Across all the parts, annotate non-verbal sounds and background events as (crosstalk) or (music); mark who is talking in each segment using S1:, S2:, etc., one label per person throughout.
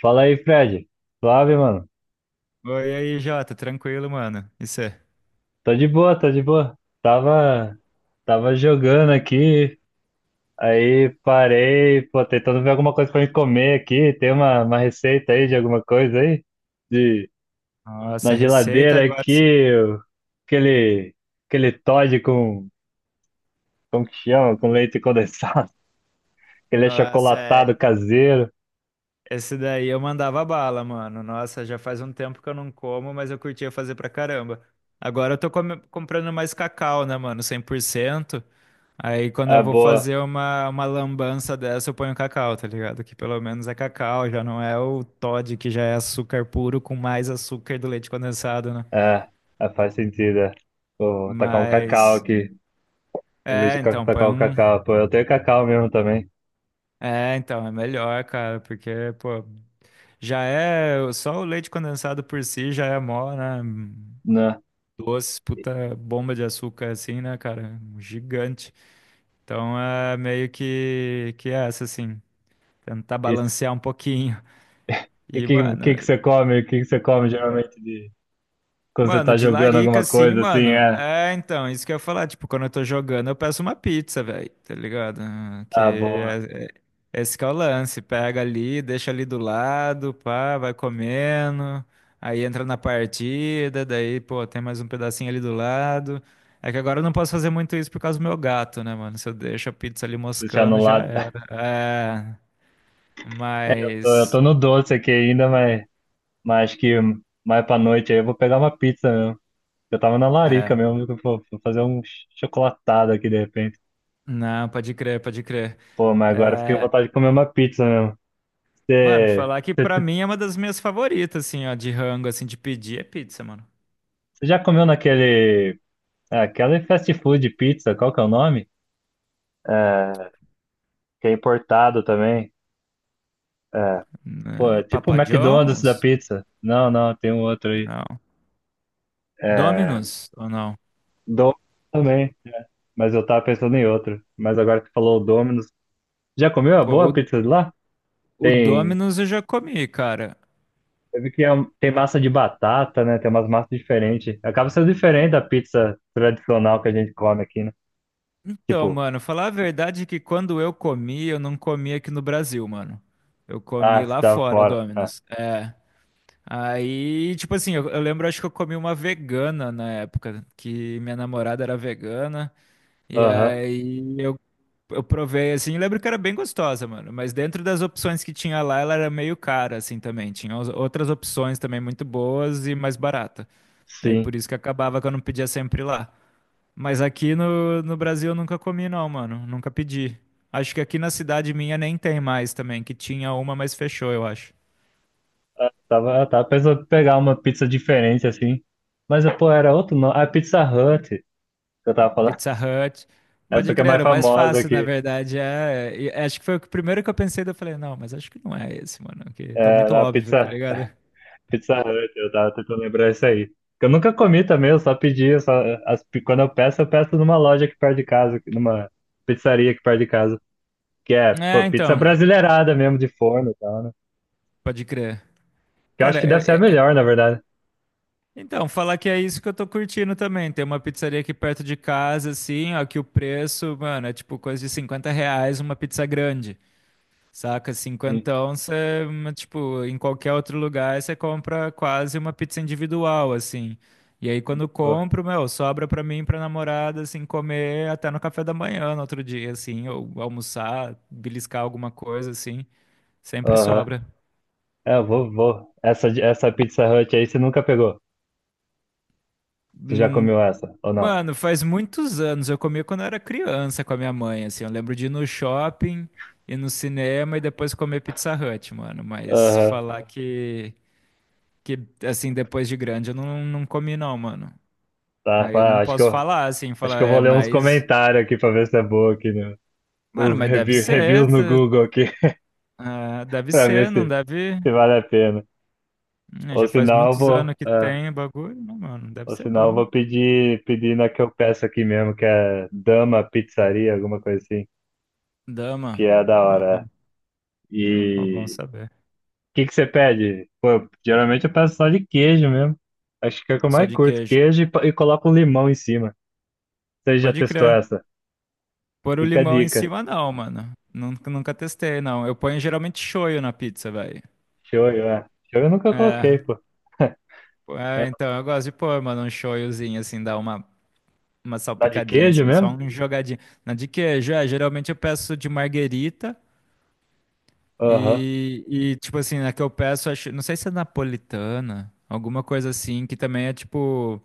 S1: Fala aí, Fred. Suave, mano.
S2: Oi, e aí, Jota, tranquilo, mano? Isso é.
S1: Tô de boa. Tava jogando aqui, aí parei, pô, tentando ver alguma coisa pra me comer aqui. Tem uma receita aí de alguma coisa aí? De,
S2: Nossa,
S1: Na
S2: receita
S1: geladeira
S2: agora. Sim.
S1: aqui, aquele, aquele Toddy com, como que chama? Com leite condensado. (laughs) Aquele
S2: Nossa,
S1: achocolatado caseiro.
S2: esse daí eu mandava bala, mano. Nossa, já faz um tempo que eu não como, mas eu curtia fazer pra caramba. Agora eu tô comprando mais cacau, né, mano? 100%. Aí quando eu
S1: Ah,
S2: vou
S1: boa.
S2: fazer uma lambança dessa, eu ponho cacau, tá ligado? Que pelo menos é cacau, já não é o Toddy, que já é açúcar puro com mais açúcar do leite condensado, né?
S1: É, faz sentido, é. Vou tacar um cacau
S2: Mas.
S1: aqui. Vou ver
S2: É, então, põe
S1: tacar o
S2: um.
S1: cacau. Pô, eu tenho cacau mesmo também.
S2: É, então, é melhor, cara, porque, pô, já é, só o leite condensado por si já é mó, né,
S1: Né?
S2: doce, puta bomba de açúcar, assim, né, cara, gigante. Então, é meio que é essa, assim, tentar
S1: Esse-
S2: balancear um pouquinho.
S1: E
S2: E,
S1: que,
S2: mano.
S1: que você come? O que que você come geralmente de quando você
S2: Mano,
S1: tá
S2: de
S1: jogando
S2: larica,
S1: alguma
S2: assim,
S1: coisa assim?
S2: mano.
S1: É,
S2: É, então, isso que eu ia falar. Tipo, quando eu tô jogando, eu peço uma pizza, velho. Tá ligado? Ah, Que
S1: ah, boa.
S2: é- é- esse que é o lance. Pega ali, deixa ali do lado, pá, vai comendo. Aí entra na partida, daí, pô, tem mais um pedacinho ali do lado. É que agora eu não posso fazer muito isso por causa do meu gato, né, mano? Se eu deixo a pizza ali
S1: Deixar no
S2: moscando, já
S1: lado.
S2: era. É,
S1: (laughs) Eu tô
S2: mas.
S1: no doce aqui ainda, mas acho que mais pra noite aí eu vou pegar uma pizza mesmo. Eu tava na larica mesmo, que eu vou fazer um chocolatado aqui de repente.
S2: Não, pode crer, pode crer.
S1: Pô, mas agora eu fiquei com
S2: É,
S1: vontade de comer uma pizza mesmo.
S2: mano,
S1: Você,
S2: falar que pra
S1: você,
S2: mim é uma das minhas favoritas, assim, ó, de rango, assim, de pedir é pizza, mano.
S1: você já comeu naquele, é, aquele fast food pizza, qual que é o nome? É, que é importado também. É, pô, é
S2: Eh,
S1: tipo o
S2: Papa
S1: McDonald's da
S2: John's?
S1: pizza. Não, não, tem um outro aí.
S2: Não.
S1: É,
S2: Domino's ou não?
S1: Domino's também, mas eu tava pensando em outro. Mas agora que falou o Domino's, já comeu a
S2: Pô,
S1: boa
S2: o,
S1: pizza de lá?
S2: o
S1: Tem,
S2: Domino's eu já comi, cara.
S1: eu vi que é tem massa de batata, né? Tem umas massas diferentes. Acaba sendo
S2: En-
S1: diferente da pizza tradicional que a gente come aqui, né?
S2: Então,
S1: Tipo,
S2: mano, falar a verdade é que quando eu comi, eu não comi aqui no Brasil, mano. Eu
S1: ah,
S2: comi
S1: você
S2: lá
S1: tava
S2: fora,
S1: fora. Ah,
S2: Domino's. É. Aí, tipo assim, eu lembro, acho que eu comi uma vegana na época, que minha namorada era vegana. E
S1: aham,
S2: aí eu provei assim, lembro que era bem gostosa, mano. Mas dentro das opções que tinha lá, ela era meio cara, assim também. Tinha outras opções também muito boas e mais barata. Aí por
S1: sim.
S2: isso que acabava que eu não pedia sempre lá. Mas aqui no Brasil eu nunca comi, não, mano. Nunca pedi. Acho que aqui na cidade minha nem tem mais também, que tinha uma, mas fechou, eu acho.
S1: Eu tava pensando em pegar uma pizza diferente assim. Mas, pô, era outro nome. A Pizza Hut, que eu tava falando.
S2: Pizza Hut.
S1: (laughs) Essa
S2: Pode
S1: que é
S2: crer,
S1: mais
S2: era o mais
S1: famosa
S2: fácil, na
S1: aqui.
S2: verdade. É, e acho que foi primeiro que eu pensei, daí eu falei, não, mas acho que não é esse, mano, que tá
S1: É,
S2: muito
S1: na
S2: óbvio, tá
S1: Pizza,
S2: ligado?
S1: Pizza Hut, eu tava tentando lembrar isso aí. Eu nunca comi também, eu só pedi, eu só, quando eu peço numa loja aqui perto de casa, numa pizzaria aqui perto de casa, que é, pô,
S2: É,
S1: pizza
S2: então,
S1: brasileirada mesmo, de forno e tal, né?
S2: pode crer.
S1: Que eu acho
S2: Cara,
S1: que deve ser a melhor, na verdade.
S2: então, falar que é isso que eu tô curtindo também. Tem uma pizzaria aqui perto de casa, assim, ó, que o preço, mano, é tipo coisa de R$ 50 uma pizza grande, saca?
S1: Sim.
S2: Cinquentão, você, tipo, em qualquer outro lugar, você compra quase uma pizza individual, assim. E aí, quando
S1: Pô,
S2: compro, meu, sobra pra mim, e pra namorada, assim, comer até no café da manhã, no outro dia, assim, ou almoçar, beliscar alguma coisa, assim, sempre
S1: aham.
S2: sobra.
S1: É, vou. Essa, essa Pizza Hut aí você nunca pegou? Você já
S2: Hum,
S1: comeu essa, ou não?
S2: Mano, faz muitos anos. Eu comia quando eu era criança com a minha mãe, assim. Eu lembro de ir no shopping, ir no cinema e depois comer Pizza Hut, mano. Mas
S1: Aham.
S2: falar que assim, depois de grande eu não, não comi, não, mano.
S1: Tá,
S2: Aí eu não
S1: pá,
S2: posso falar, assim,
S1: acho que
S2: falar,
S1: eu vou
S2: é,
S1: ler uns
S2: mas.
S1: comentários aqui pra ver se é boa aqui, né?
S2: Mano,
S1: Os
S2: mas deve ser.
S1: reviews no
S2: tá-
S1: Google aqui,
S2: ah,
S1: (laughs)
S2: deve
S1: pra ver
S2: ser, não
S1: se
S2: deve.
S1: se vale a pena. Ou
S2: Já faz
S1: senão eu
S2: muitos
S1: vou,
S2: anos que
S1: é,
S2: tem o bagulho, não, mano. Deve
S1: ou
S2: ser
S1: senão eu
S2: bom.
S1: vou pedir na que eu peço aqui mesmo, que é Dama Pizzaria, alguma coisa assim, que
S2: Dama.
S1: é da
S2: Ó,
S1: hora. É.
S2: ó, bom
S1: E
S2: saber.
S1: o que que você pede? Pô, geralmente eu peço só de queijo mesmo. Acho que é o que eu
S2: Só
S1: mais
S2: de
S1: curto,
S2: queijo.
S1: queijo e, e coloco um limão em cima. Você já
S2: Pode
S1: testou
S2: crer.
S1: essa?
S2: Pôr o
S1: Fica a
S2: limão em
S1: dica.
S2: cima, não, mano. Nunca, nunca testei, não. Eu ponho geralmente shoyu na pizza, velho.
S1: Shoyu, é. Shoyu eu nunca coloquei,
S2: É,
S1: pô. (laughs)
S2: é,
S1: É,
S2: então eu gosto de pôr, mano, um shoyuzinho, assim, dar uma
S1: dá de
S2: salpicadinha,
S1: queijo
S2: assim, só
S1: mesmo?
S2: um jogadinho. Na de queijo, é, geralmente eu peço de marguerita
S1: Aham,
S2: e tipo assim, na que eu peço, acho, não sei se é napolitana, alguma coisa assim, que também é tipo,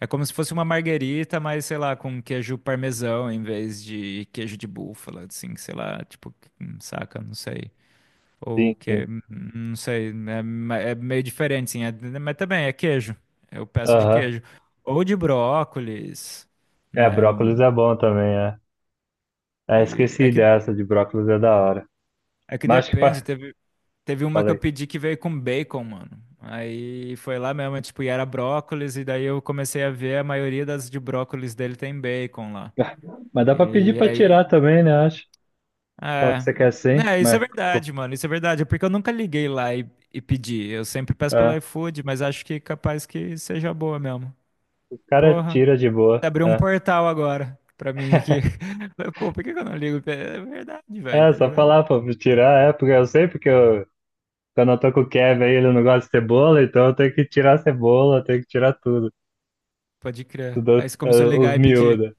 S2: é como se fosse uma marguerita, mas sei lá, com queijo parmesão em vez de queijo de búfala, assim, sei lá, tipo, saca, não sei.
S1: sim,
S2: Ou que,
S1: sim.
S2: é, não sei, é, é meio diferente, sim. Mas também é queijo. Eu peço de
S1: Aham.
S2: queijo. Ou de brócolis,
S1: É,
S2: né?
S1: brócolis é bom também, é. Ah,
S2: E é
S1: esqueci
S2: que,
S1: dessa de brócolis é da hora.
S2: é que
S1: Mas
S2: depende. Teve uma que eu
S1: falei.
S2: pedi que veio com bacon, mano. Aí foi lá mesmo, tipo, e era brócolis, e daí eu comecei a ver a maioria das de brócolis dele tem bacon lá.
S1: (laughs) Mas dá pra pedir
S2: E
S1: pra tirar
S2: aí.
S1: também, né? Acho. Fala que
S2: É,
S1: você quer sim,
S2: né, isso é
S1: mas
S2: verdade, mano. Isso é verdade. É porque eu nunca liguei lá e pedi. Eu sempre peço pelo
S1: é,
S2: iFood, mas acho que capaz que seja boa mesmo.
S1: o cara
S2: Porra,
S1: tira de boa.
S2: abriu um
S1: É,
S2: portal agora pra mim aqui. (laughs) Falei, pô, por que que eu não ligo? É verdade, velho,
S1: é,
S2: tá
S1: só
S2: ligado?
S1: falar pra tirar, é, porque eu sei, porque eu, quando eu tô com o Kevin aí, ele não gosta de cebola, então eu tenho que tirar a cebola, eu tenho que tirar tudo.
S2: Pode crer.
S1: Tudo
S2: Aí você
S1: é,
S2: começou a
S1: os
S2: ligar e pedir.
S1: miúdos.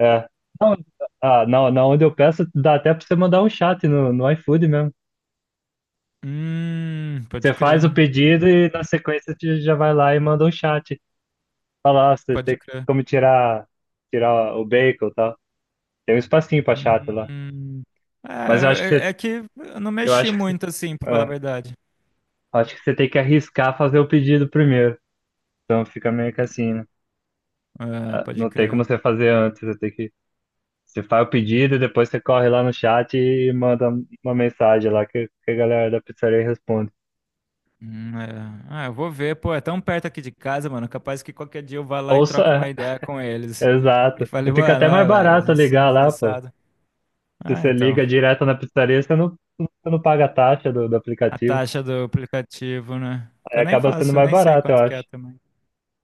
S1: É. Não, ah, não, na onde eu peço, dá até pra você mandar um chat no iFood mesmo.
S2: Pode
S1: Você faz o
S2: crer.
S1: pedido e na sequência você já vai lá e manda um chat. Falar, você
S2: Pode
S1: tem
S2: crer.
S1: como tirar o bacon e tal. Tem um espacinho pra chata lá.
S2: Hum.
S1: Mas eu acho que
S2: É,
S1: você,
S2: é é que eu não
S1: eu
S2: mexi
S1: acho que você,
S2: muito assim, pra falar a
S1: é,
S2: verdade.
S1: acho que você tem que arriscar fazer o pedido primeiro. Então fica meio que assim, né?
S2: É,
S1: Ah,
S2: pode
S1: não tem
S2: crer.
S1: como você fazer antes, você faz o pedido, depois você corre lá no chat e manda uma mensagem lá que a galera da pizzaria responde.
S2: É. Ah, eu vou ver, pô, é tão perto aqui de casa, mano. Capaz que qualquer dia eu vá lá e
S1: Ou só,
S2: troque
S1: é,
S2: uma ideia com eles. E
S1: exato.
S2: falei,
S1: Fica
S2: mano,
S1: até
S2: ó,
S1: mais
S2: velho,
S1: barato
S2: assim,
S1: ligar lá, pô.
S2: sensado.
S1: Se
S2: Ah,
S1: você
S2: então.
S1: liga direto na pizzaria, você não paga a taxa do
S2: A
S1: aplicativo.
S2: taxa do aplicativo, né? Que
S1: É,
S2: eu nem
S1: acaba sendo
S2: faço,
S1: mais
S2: nem sei
S1: barato, eu
S2: quanto que é
S1: acho.
S2: também.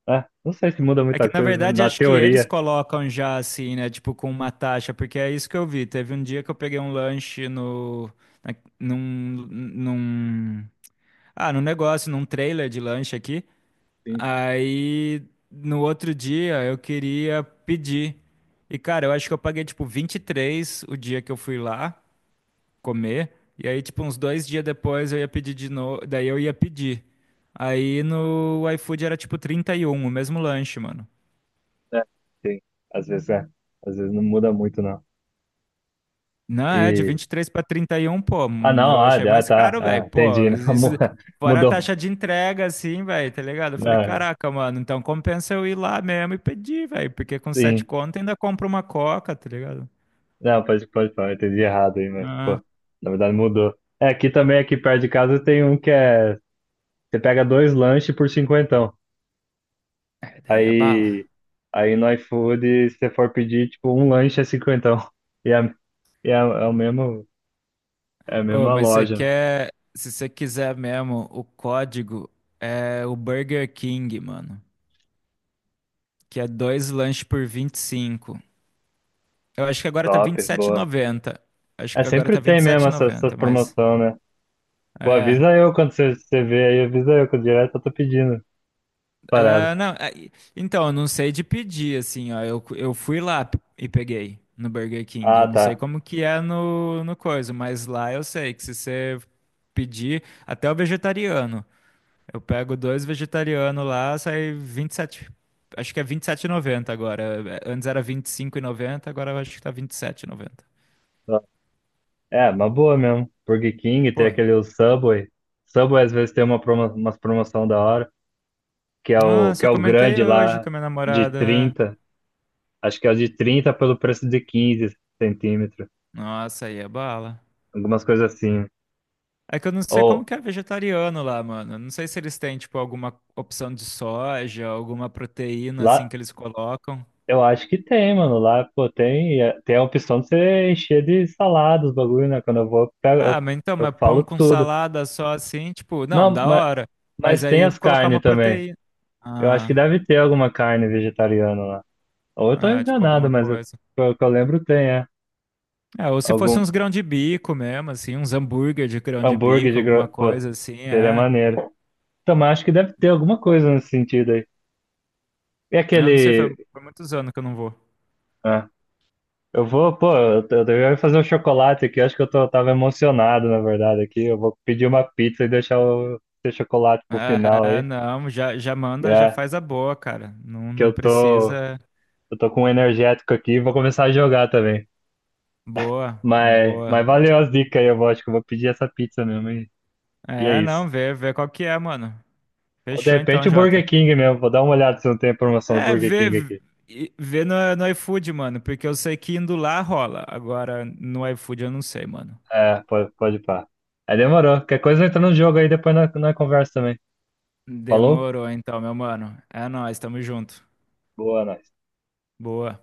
S1: É, não sei se muda
S2: É
S1: muita
S2: que, na
S1: coisa,
S2: verdade,
S1: na
S2: acho que eles
S1: teoria.
S2: colocam já assim, né? Tipo, com uma taxa, porque é isso que eu vi. Teve um dia que eu peguei um lanche no. na- Num, num. Ah, num negócio, num trailer de lanche aqui.
S1: Sim.
S2: Aí, no outro dia, eu queria pedir. E, cara, eu acho que eu paguei, tipo, 23 o dia que eu fui lá comer. E aí, tipo, uns dois dias depois eu ia pedir de novo. Daí eu ia pedir. Aí no iFood era tipo 31 o mesmo lanche, mano.
S1: É, sim. Às vezes é. Às vezes não muda muito, não.
S2: Não, é de
S1: E.
S2: 23 pra 31 pô.
S1: Ah, não,
S2: Eu
S1: ah,
S2: achei
S1: ah,
S2: mais
S1: tá.
S2: caro,
S1: Ah,
S2: velho.
S1: entendi.
S2: Pô,
S1: (laughs) Não,
S2: isso. Fora a
S1: mudou.
S2: taxa de entrega, assim, velho, tá ligado? Eu falei,
S1: Não, é,
S2: caraca, mano, então compensa eu ir lá mesmo e pedir, velho. Porque com sete
S1: sim.
S2: conto ainda compro uma coca, tá ligado?
S1: Não, pode falar, eu entendi errado aí, mas,
S2: Ah,
S1: pô, na verdade mudou. É, aqui também, aqui perto de casa, tem um que é. Você pega dois lanches por 50.
S2: é, daí a bala.
S1: Aí. Aí no iFood, se você for pedir, tipo, um lanche é 50. E é, é o mesmo. É a
S2: Ô,
S1: mesma
S2: mas você
S1: loja. Né?
S2: quer, se você quiser mesmo, o código é o Burger King, mano, que é dois lanches por 25. Eu acho que agora tá
S1: Top,
S2: vinte e sete e
S1: boa.
S2: noventa. Acho
S1: É,
S2: que agora
S1: sempre
S2: tá vinte
S1: tem
S2: e sete
S1: mesmo
S2: e
S1: essa
S2: noventa, mas
S1: promoção, né? Pô,
S2: é,
S1: avisa eu quando você vê aí, avisa eu, que eu direto eu tô pedindo parada.
S2: é, não, é, então eu não sei de pedir assim, ó, eu fui lá e peguei no Burger King. Eu
S1: Ah,
S2: não sei
S1: tá.
S2: como que é no coisa, mas lá eu sei que se você pedir, até o vegetariano. Eu pego dois vegetarianos lá, sai 27. Acho que é 27,90 agora. Antes era 25,90, agora eu acho que tá 27,90.
S1: É, é uma boa mesmo. Burger King, tem
S2: Pô,
S1: aquele Subway. Subway às vezes tem uma promo, umas promoção da hora,
S2: nossa,
S1: que é
S2: eu
S1: o
S2: comentei
S1: grande
S2: hoje
S1: lá,
S2: com a minha
S1: de
S2: namorada.
S1: 30. Acho que é o de 30 pelo preço de 15 centímetros.
S2: Nossa, aí é bala.
S1: Algumas coisas assim. Né?
S2: É que eu não sei como
S1: Ou,
S2: que é vegetariano lá, mano. Não sei se eles têm, tipo, alguma opção de soja, alguma proteína, assim,
S1: lá,
S2: que eles colocam.
S1: eu acho que tem, mano. Lá, pô, tem, tem a opção de você encher de salada os bagulho, né? Quando eu vou,
S2: Ah, mas então,
S1: eu
S2: mas pão
S1: falo
S2: com
S1: tudo.
S2: salada só assim, tipo, não,
S1: Não,
S2: da hora. Mas
S1: mas tem
S2: aí
S1: as
S2: colocar
S1: carnes
S2: uma
S1: também.
S2: proteína.
S1: Eu acho que
S2: Ah,
S1: deve ter alguma carne vegetariana lá. Ou eu tô
S2: é, tipo,
S1: enganado,
S2: alguma coisa.
S1: pelo que eu lembro tem, é.
S2: É, ou se fosse
S1: Algum
S2: uns grão de bico mesmo, assim, uns hambúrguer de grão de
S1: hambúrguer
S2: bico,
S1: de
S2: alguma
S1: pô,
S2: coisa assim,
S1: seria
S2: é.
S1: maneiro. Então, mas acho que deve ter alguma coisa nesse sentido aí. E
S2: Eu
S1: aquele
S2: não sei, foi muitos anos que eu não vou.
S1: ah, eu vou, pô, eu devia fazer um chocolate aqui, acho que eu tô, tava emocionado, na verdade, aqui. Eu vou pedir uma pizza e deixar o esse chocolate pro final
S2: É,
S1: aí.
S2: não, já manda, já
S1: É,
S2: faz a boa, cara. Não,
S1: que
S2: não
S1: eu tô,
S2: precisa.
S1: eu tô com um energético aqui e vou começar a jogar também.
S2: Boa, boa.
S1: Mas valeu as dicas aí, acho que eu vou pedir essa pizza mesmo e é
S2: É,
S1: isso.
S2: não, vê qual que é, mano.
S1: Ou de
S2: Fechou
S1: repente
S2: então,
S1: o Burger
S2: Jota.
S1: King mesmo, vou dar uma olhada se não tem a promoção do
S2: É,
S1: Burger
S2: vê,
S1: King aqui.
S2: vê no iFood, mano, porque eu sei que indo lá rola. Agora, no iFood eu não sei, mano.
S1: É, pode pá. Aí demorou. Qualquer coisa entra no jogo aí, depois na conversa também. Falou?
S2: Demorou então, meu mano. É nóis, tamo junto.
S1: Boa, né?
S2: Boa.